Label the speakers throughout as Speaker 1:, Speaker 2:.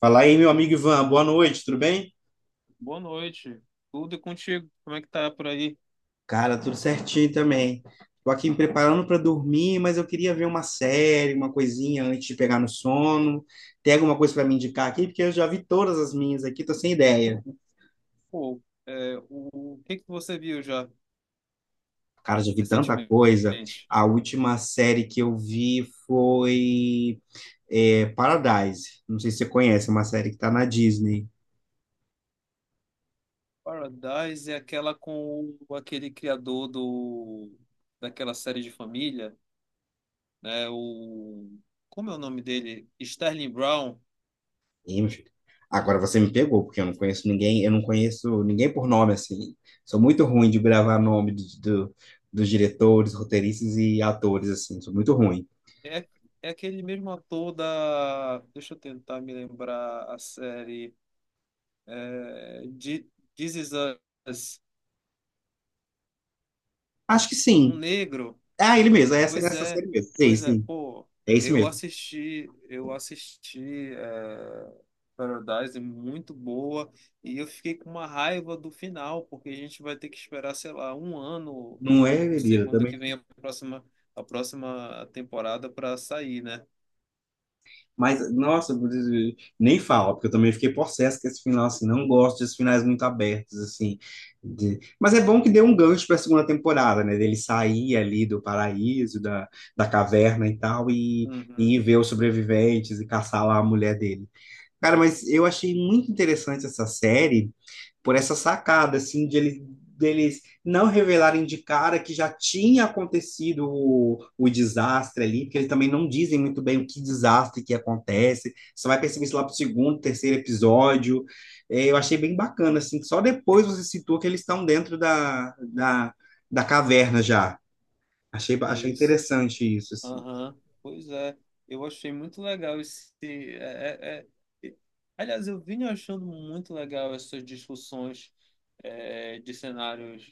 Speaker 1: Fala aí, meu amigo Ivan. Boa noite, tudo bem?
Speaker 2: Boa noite. Tudo e contigo? Como é que tá por aí?
Speaker 1: Cara, tudo certinho também. Tô aqui me preparando para dormir, mas eu queria ver uma série, uma coisinha antes de pegar no sono. Tem alguma coisa para me indicar aqui? Porque eu já vi todas as minhas aqui, tô sem ideia.
Speaker 2: Pô, o que que você viu já
Speaker 1: Cara, já vi tanta
Speaker 2: recentemente?
Speaker 1: coisa. A última série que eu vi foi Paradise. Não sei se você conhece, é uma série que tá na Disney.
Speaker 2: Paradise é aquela com aquele criador do daquela série de família, né? O Como é o nome dele? Sterling Brown.
Speaker 1: Ih, meu filho. Agora você me pegou, porque eu não conheço ninguém, eu não conheço ninguém por nome, assim. Sou muito ruim de gravar dos diretores, roteiristas e atores, assim. Sou muito ruim.
Speaker 2: É, é aquele mesmo ator da. Deixa eu tentar me lembrar a série. É, de- This Is Us.
Speaker 1: Acho que
Speaker 2: Um
Speaker 1: sim.
Speaker 2: negro.
Speaker 1: Ah, ele mesmo, é essa,
Speaker 2: Pois
Speaker 1: essa
Speaker 2: é,
Speaker 1: série mesmo. Sim,
Speaker 2: pois é,
Speaker 1: sim.
Speaker 2: pô,
Speaker 1: É esse
Speaker 2: eu
Speaker 1: mesmo.
Speaker 2: assisti, eu assisti é, Paradise, muito boa, e eu fiquei com uma raiva do final, porque a gente vai ter que esperar, sei lá, um ano,
Speaker 1: Não
Speaker 2: eu
Speaker 1: é,
Speaker 2: não sei
Speaker 1: Elira,
Speaker 2: quando é que
Speaker 1: também.
Speaker 2: vem a próxima, temporada para sair, né?
Speaker 1: Mas, nossa, nem fala, porque eu também fiquei possesso com esse final, assim, não gosto desses finais muito abertos, assim. Mas é bom que deu um gancho para a segunda temporada, né? Dele sair ali do paraíso, da, da caverna e tal, e
Speaker 2: Uhum,
Speaker 1: ver os sobreviventes e caçar lá a mulher dele. Cara, mas eu achei muito interessante essa série por essa sacada, assim, deles não revelarem de cara que já tinha acontecido o desastre ali, porque eles também não dizem muito bem o que desastre que acontece. Você vai perceber isso lá pro segundo, terceiro episódio. É, eu achei bem bacana, assim, que só depois você citou que eles estão dentro da caverna já. Achei
Speaker 2: isso.
Speaker 1: interessante isso, assim.
Speaker 2: Aham, pois é, eu achei muito legal esse. É- Aliás, eu vim achando muito legal essas discussões de cenários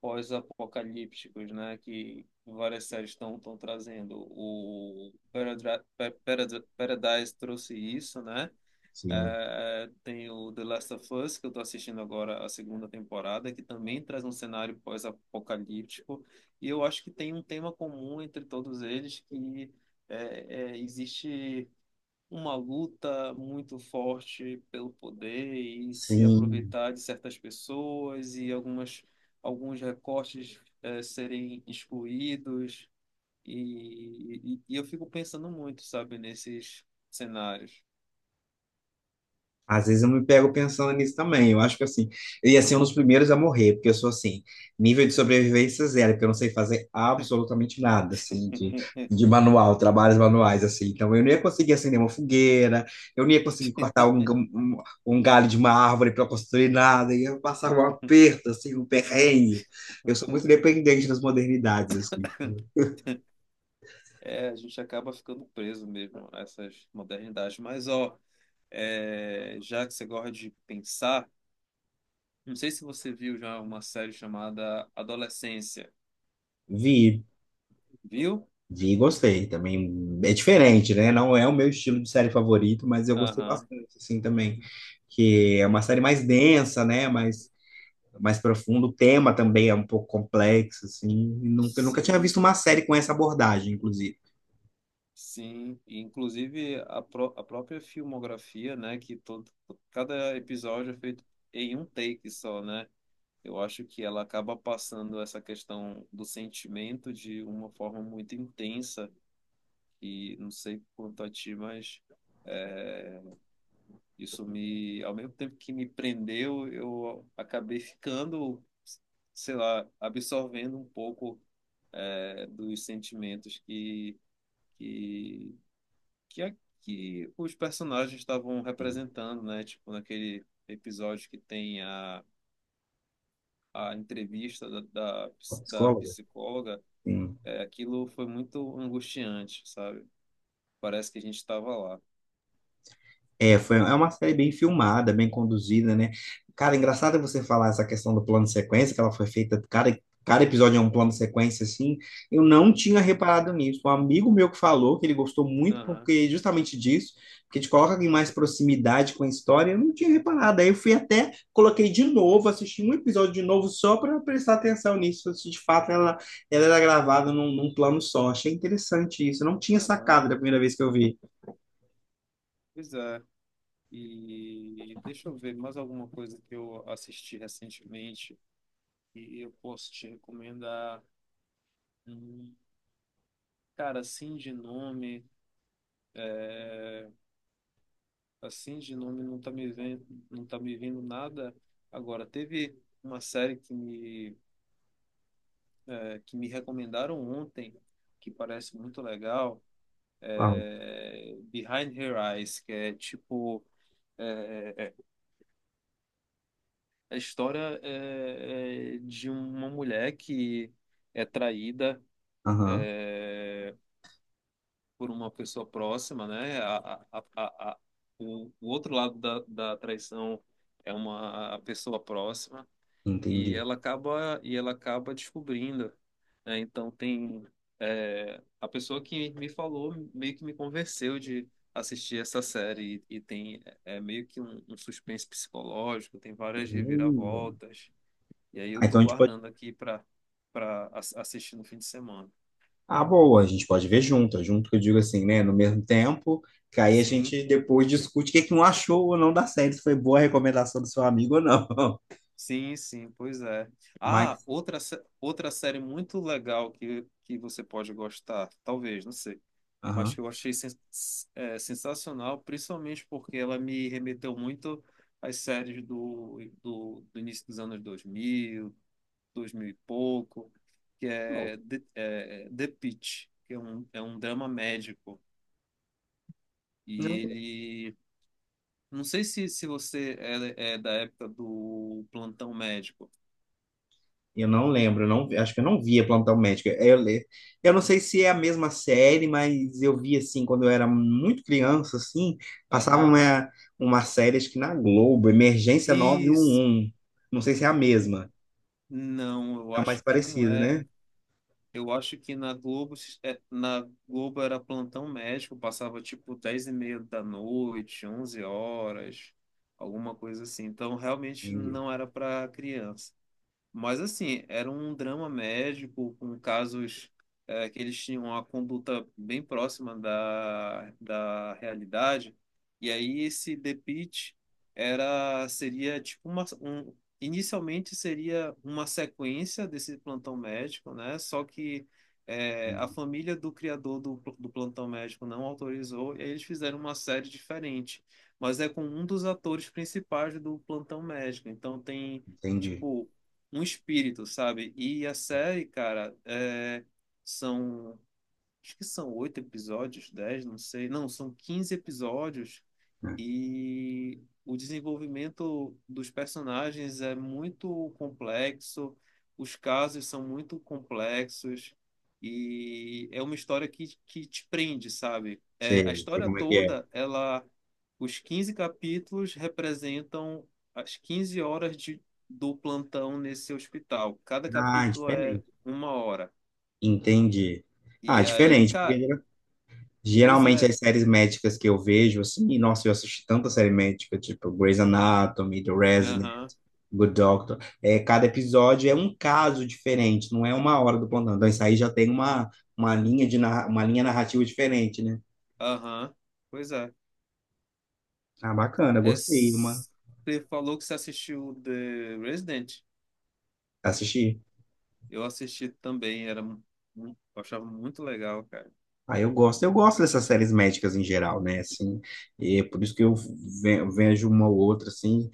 Speaker 2: pós-apocalípticos, né, que várias séries estão trazendo. O Paradise trouxe isso, né?
Speaker 1: Sim.
Speaker 2: Tem o The Last of Us, que eu estou assistindo agora a segunda temporada, que também traz um cenário pós-apocalíptico. E eu acho que tem um tema comum entre todos eles, que existe uma luta muito forte pelo poder e se
Speaker 1: Sim.
Speaker 2: aproveitar de certas pessoas e alguns recortes serem excluídos. E eu fico pensando muito, sabe, nesses cenários.
Speaker 1: Às vezes eu me pego pensando nisso também. Eu acho que assim, eu ia ser um dos primeiros a morrer, porque eu sou assim, nível de sobrevivência zero, porque eu não sei fazer absolutamente nada, assim, de manual, trabalhos manuais, assim. Então eu não ia conseguir acender uma fogueira, eu não ia conseguir cortar um, um galho de uma árvore para construir nada, eu ia passar um aperto, assim, um perrengue. Eu sou muito dependente das modernidades, assim.
Speaker 2: É, a gente acaba ficando preso mesmo a essas modernidades. Mas, ó, já que você gosta de pensar, não sei se você viu já uma série chamada Adolescência.
Speaker 1: Vi.
Speaker 2: Viu?
Speaker 1: Vi e gostei também. É diferente, né? Não é o meu estilo de série favorito, mas eu gostei
Speaker 2: Aham.
Speaker 1: bastante, assim, também. Que é uma série mais densa, né? Mais, mais profunda. O tema também é um pouco complexo, assim. E nunca tinha
Speaker 2: Sim,
Speaker 1: visto uma série com essa abordagem, inclusive.
Speaker 2: sim. E, inclusive a própria filmografia, né, que cada episódio é feito em um take só, né? Eu acho que ela acaba passando essa questão do sentimento de uma forma muito intensa e não sei quanto a ti, mas é, ao mesmo tempo que me prendeu, eu acabei ficando, sei lá, absorvendo um pouco dos sentimentos que que é que os personagens estavam
Speaker 1: Sim,
Speaker 2: representando, né? Tipo, naquele episódio que tem a entrevista da, da,
Speaker 1: com a
Speaker 2: ps- da
Speaker 1: psicóloga.
Speaker 2: psicóloga, aquilo foi muito angustiante, sabe? Parece que a gente estava lá.
Speaker 1: É, foi, é uma série bem filmada, bem conduzida, né? Cara, é engraçado você falar essa questão do plano de sequência, que ela foi feita, cada episódio é um plano de sequência, assim. Eu não tinha reparado nisso. Um amigo meu que falou que ele gostou muito
Speaker 2: Aham,
Speaker 1: porque justamente disso, porque te coloca em mais proximidade com a história, eu não tinha reparado. Aí eu fui até, coloquei de novo, assisti um episódio de novo só para prestar atenção nisso, se de fato ela era gravada num plano só. Achei interessante isso. Eu não tinha
Speaker 2: aham.
Speaker 1: sacado da primeira vez que eu vi.
Speaker 2: Pois é. E deixa eu ver mais alguma coisa que eu assisti recentemente e eu posso te recomendar. Hum, cara, assim de nome não tá me vendo nada. Agora, teve uma série que me recomendaram ontem, que parece muito legal,
Speaker 1: Uau.
Speaker 2: é Behind Her Eyes, que é tipo eh, a história de uma mulher que é traída
Speaker 1: Aham,
Speaker 2: eh, por uma pessoa próxima, né? A, a, a, o outro lado da traição é uma pessoa próxima. e
Speaker 1: entendi.
Speaker 2: ela acaba e ela acaba descobrindo, né? Então a pessoa que me falou meio que me convenceu de assistir essa série, e tem, meio que um, suspense psicológico, tem várias
Speaker 1: Hum.
Speaker 2: reviravoltas, e aí eu
Speaker 1: Ah,
Speaker 2: tô
Speaker 1: então a gente pode.
Speaker 2: guardando aqui para para assistir no fim de semana.
Speaker 1: Ah, boa, a gente pode ver junto, é junto que eu digo assim, né? No mesmo tempo, que aí a
Speaker 2: Sim,
Speaker 1: gente depois discute o que que um achou ou não da série, se foi boa a recomendação do seu amigo ou não.
Speaker 2: sim, sim, pois é. Ah,
Speaker 1: Mas,
Speaker 2: outra série muito legal que você pode gostar, talvez, não sei, mas
Speaker 1: aham.
Speaker 2: que eu achei sensacional, principalmente porque ela me remeteu muito às séries do início dos anos 2000, 2000 e pouco, que
Speaker 1: Não,
Speaker 2: é The Pitt, que é um, drama médico. E
Speaker 1: não,
Speaker 2: ele. Não sei se você é da época do Plantão Médico.
Speaker 1: eu não lembro, não, acho que eu não via Plantão Médico. Eu não sei se é a mesma série, mas eu vi assim, quando eu era muito criança, assim, passava
Speaker 2: Aham.
Speaker 1: uma série, acho que na Globo, Emergência nove um
Speaker 2: Isso.
Speaker 1: um. Não sei se é a
Speaker 2: N-
Speaker 1: mesma,
Speaker 2: Não, eu
Speaker 1: tá mais
Speaker 2: acho que não
Speaker 1: parecida,
Speaker 2: é.
Speaker 1: né?
Speaker 2: Eu acho que na Globo era Plantão Médico, passava tipo 22h30 da noite, 11 horas, alguma coisa assim. Então realmente
Speaker 1: Entendi.
Speaker 2: não era para criança. Mas assim, era um drama médico com casos que eles tinham uma conduta bem próxima da realidade. E aí esse The Pitt era seria tipo inicialmente seria uma sequência desse Plantão Médico, né? Só que a família do criador do Plantão Médico não autorizou e aí eles fizeram uma série diferente. Mas é com um dos atores principais do Plantão Médico. Então tem
Speaker 1: Entendi.
Speaker 2: tipo um espírito, sabe? E a série, cara, são. Acho que são oito episódios, 10, não sei. Não, são 15 episódios,
Speaker 1: Ah,
Speaker 2: e o desenvolvimento dos personagens é muito complexo, os casos são muito complexos, e é uma história que te prende, sabe? A
Speaker 1: sei, sei
Speaker 2: história
Speaker 1: como é que é.
Speaker 2: toda, os 15 capítulos representam as 15 horas do plantão nesse hospital. Cada
Speaker 1: Ah,
Speaker 2: capítulo é
Speaker 1: diferente.
Speaker 2: 1 hora.
Speaker 1: Entendi. Ah,
Speaker 2: E aí,
Speaker 1: diferente, porque
Speaker 2: cara, pois
Speaker 1: geralmente
Speaker 2: é,
Speaker 1: as séries médicas que eu vejo, assim, nossa, eu assisti tanta série médica, tipo Grey's Anatomy, The Resident,
Speaker 2: aham,
Speaker 1: Good Doctor, é, cada episódio é um caso diferente, não é uma hora do plantão. Então, isso aí já tem uma linha narrativa diferente, né?
Speaker 2: aham, pois é.
Speaker 1: Ah, bacana,
Speaker 2: É,
Speaker 1: gostei,
Speaker 2: Você falou que você assistiu The Resident?
Speaker 1: assisti.
Speaker 2: Eu assisti também, eu achava muito legal, cara.
Speaker 1: Ah, eu gosto dessas séries médicas em geral, né? Assim, e é por isso que eu vejo uma ou outra, assim,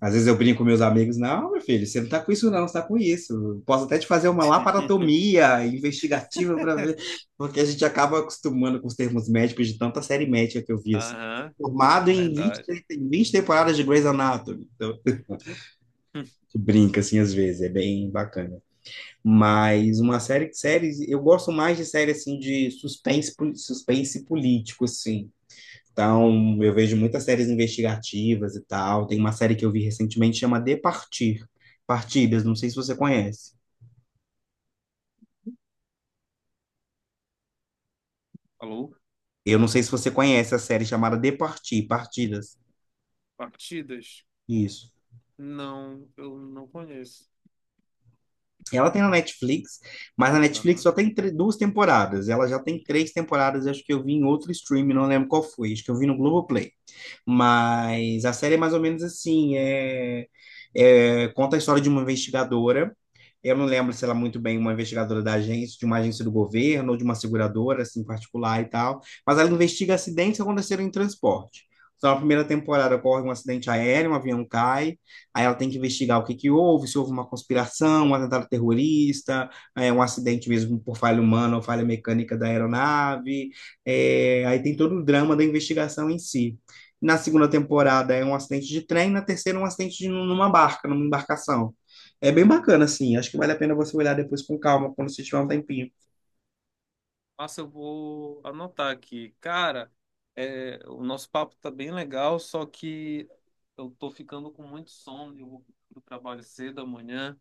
Speaker 1: às vezes eu brinco com meus amigos, não, meu filho, você não tá com isso, não, você tá com isso. Eu posso até te fazer uma laparotomia investigativa para ver, porque a gente acaba acostumando com os termos médicos de tanta série médica que eu vi. Assim.
Speaker 2: Aham,
Speaker 1: Formado em 20
Speaker 2: verdade.
Speaker 1: em 20 temporadas de Grey's Anatomy. Então, a gente brinca, assim, às vezes, é bem bacana. Mas uma série, séries, eu gosto mais de série, assim, de suspense, suspense político, assim. Então, eu vejo muitas séries investigativas e tal. Tem uma série que eu vi recentemente chama De Partir. Partidas, não sei se você conhece.
Speaker 2: Alô?
Speaker 1: Eu não sei se você conhece a série chamada De Partir, Partidas.
Speaker 2: Partidas?
Speaker 1: Isso.
Speaker 2: Não, eu não conheço.
Speaker 1: Ela tem na Netflix, mas na Netflix
Speaker 2: Aham.
Speaker 1: só tem duas temporadas. Ela já tem três temporadas, acho que eu vi em outro stream, não lembro qual foi, acho que eu vi no Globoplay. Mas a série é mais ou menos assim, conta a história de uma investigadora. Eu não lembro se ela é muito bem uma investigadora da agência, de uma agência do governo ou de uma seguradora assim particular e tal, mas ela investiga acidentes que aconteceram em transporte. Então, na primeira temporada ocorre um acidente aéreo, um avião cai, aí ela tem que investigar o que que houve, se houve uma conspiração, um atentado terrorista, é, um acidente mesmo por falha humana ou falha mecânica da aeronave. É, aí tem todo o drama da investigação em si. Na segunda temporada é um acidente de trem, na terceira é um acidente de, numa barca, numa embarcação. É bem bacana, assim. Acho que vale a pena você olhar depois com calma, quando você tiver um tempinho.
Speaker 2: Nossa, eu vou anotar aqui. Cara, o nosso papo tá bem legal, só que eu tô ficando com muito sono. Eu vou pro trabalho cedo amanhã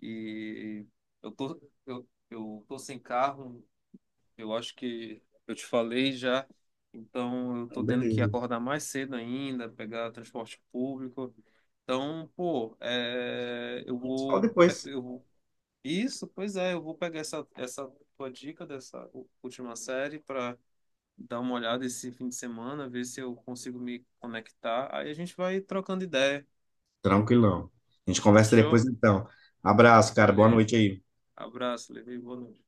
Speaker 2: e eu tô sem carro. Eu acho que eu te falei já, então eu tô
Speaker 1: Então,
Speaker 2: tendo que
Speaker 1: beleza.
Speaker 2: acordar mais cedo ainda, pegar transporte público. Então, pô, eu
Speaker 1: A gente se fala
Speaker 2: vou,
Speaker 1: depois.
Speaker 2: eu vou. Isso, pois é, eu vou pegar essa tua dica dessa última série para dar uma olhada esse fim de semana, ver se eu consigo me conectar. Aí a gente vai trocando ideia,
Speaker 1: Tranquilão. A gente conversa depois,
Speaker 2: fechou?
Speaker 1: então. Abraço, cara. Boa
Speaker 2: Beleza.
Speaker 1: noite aí.
Speaker 2: Abraço, Levi, boa noite.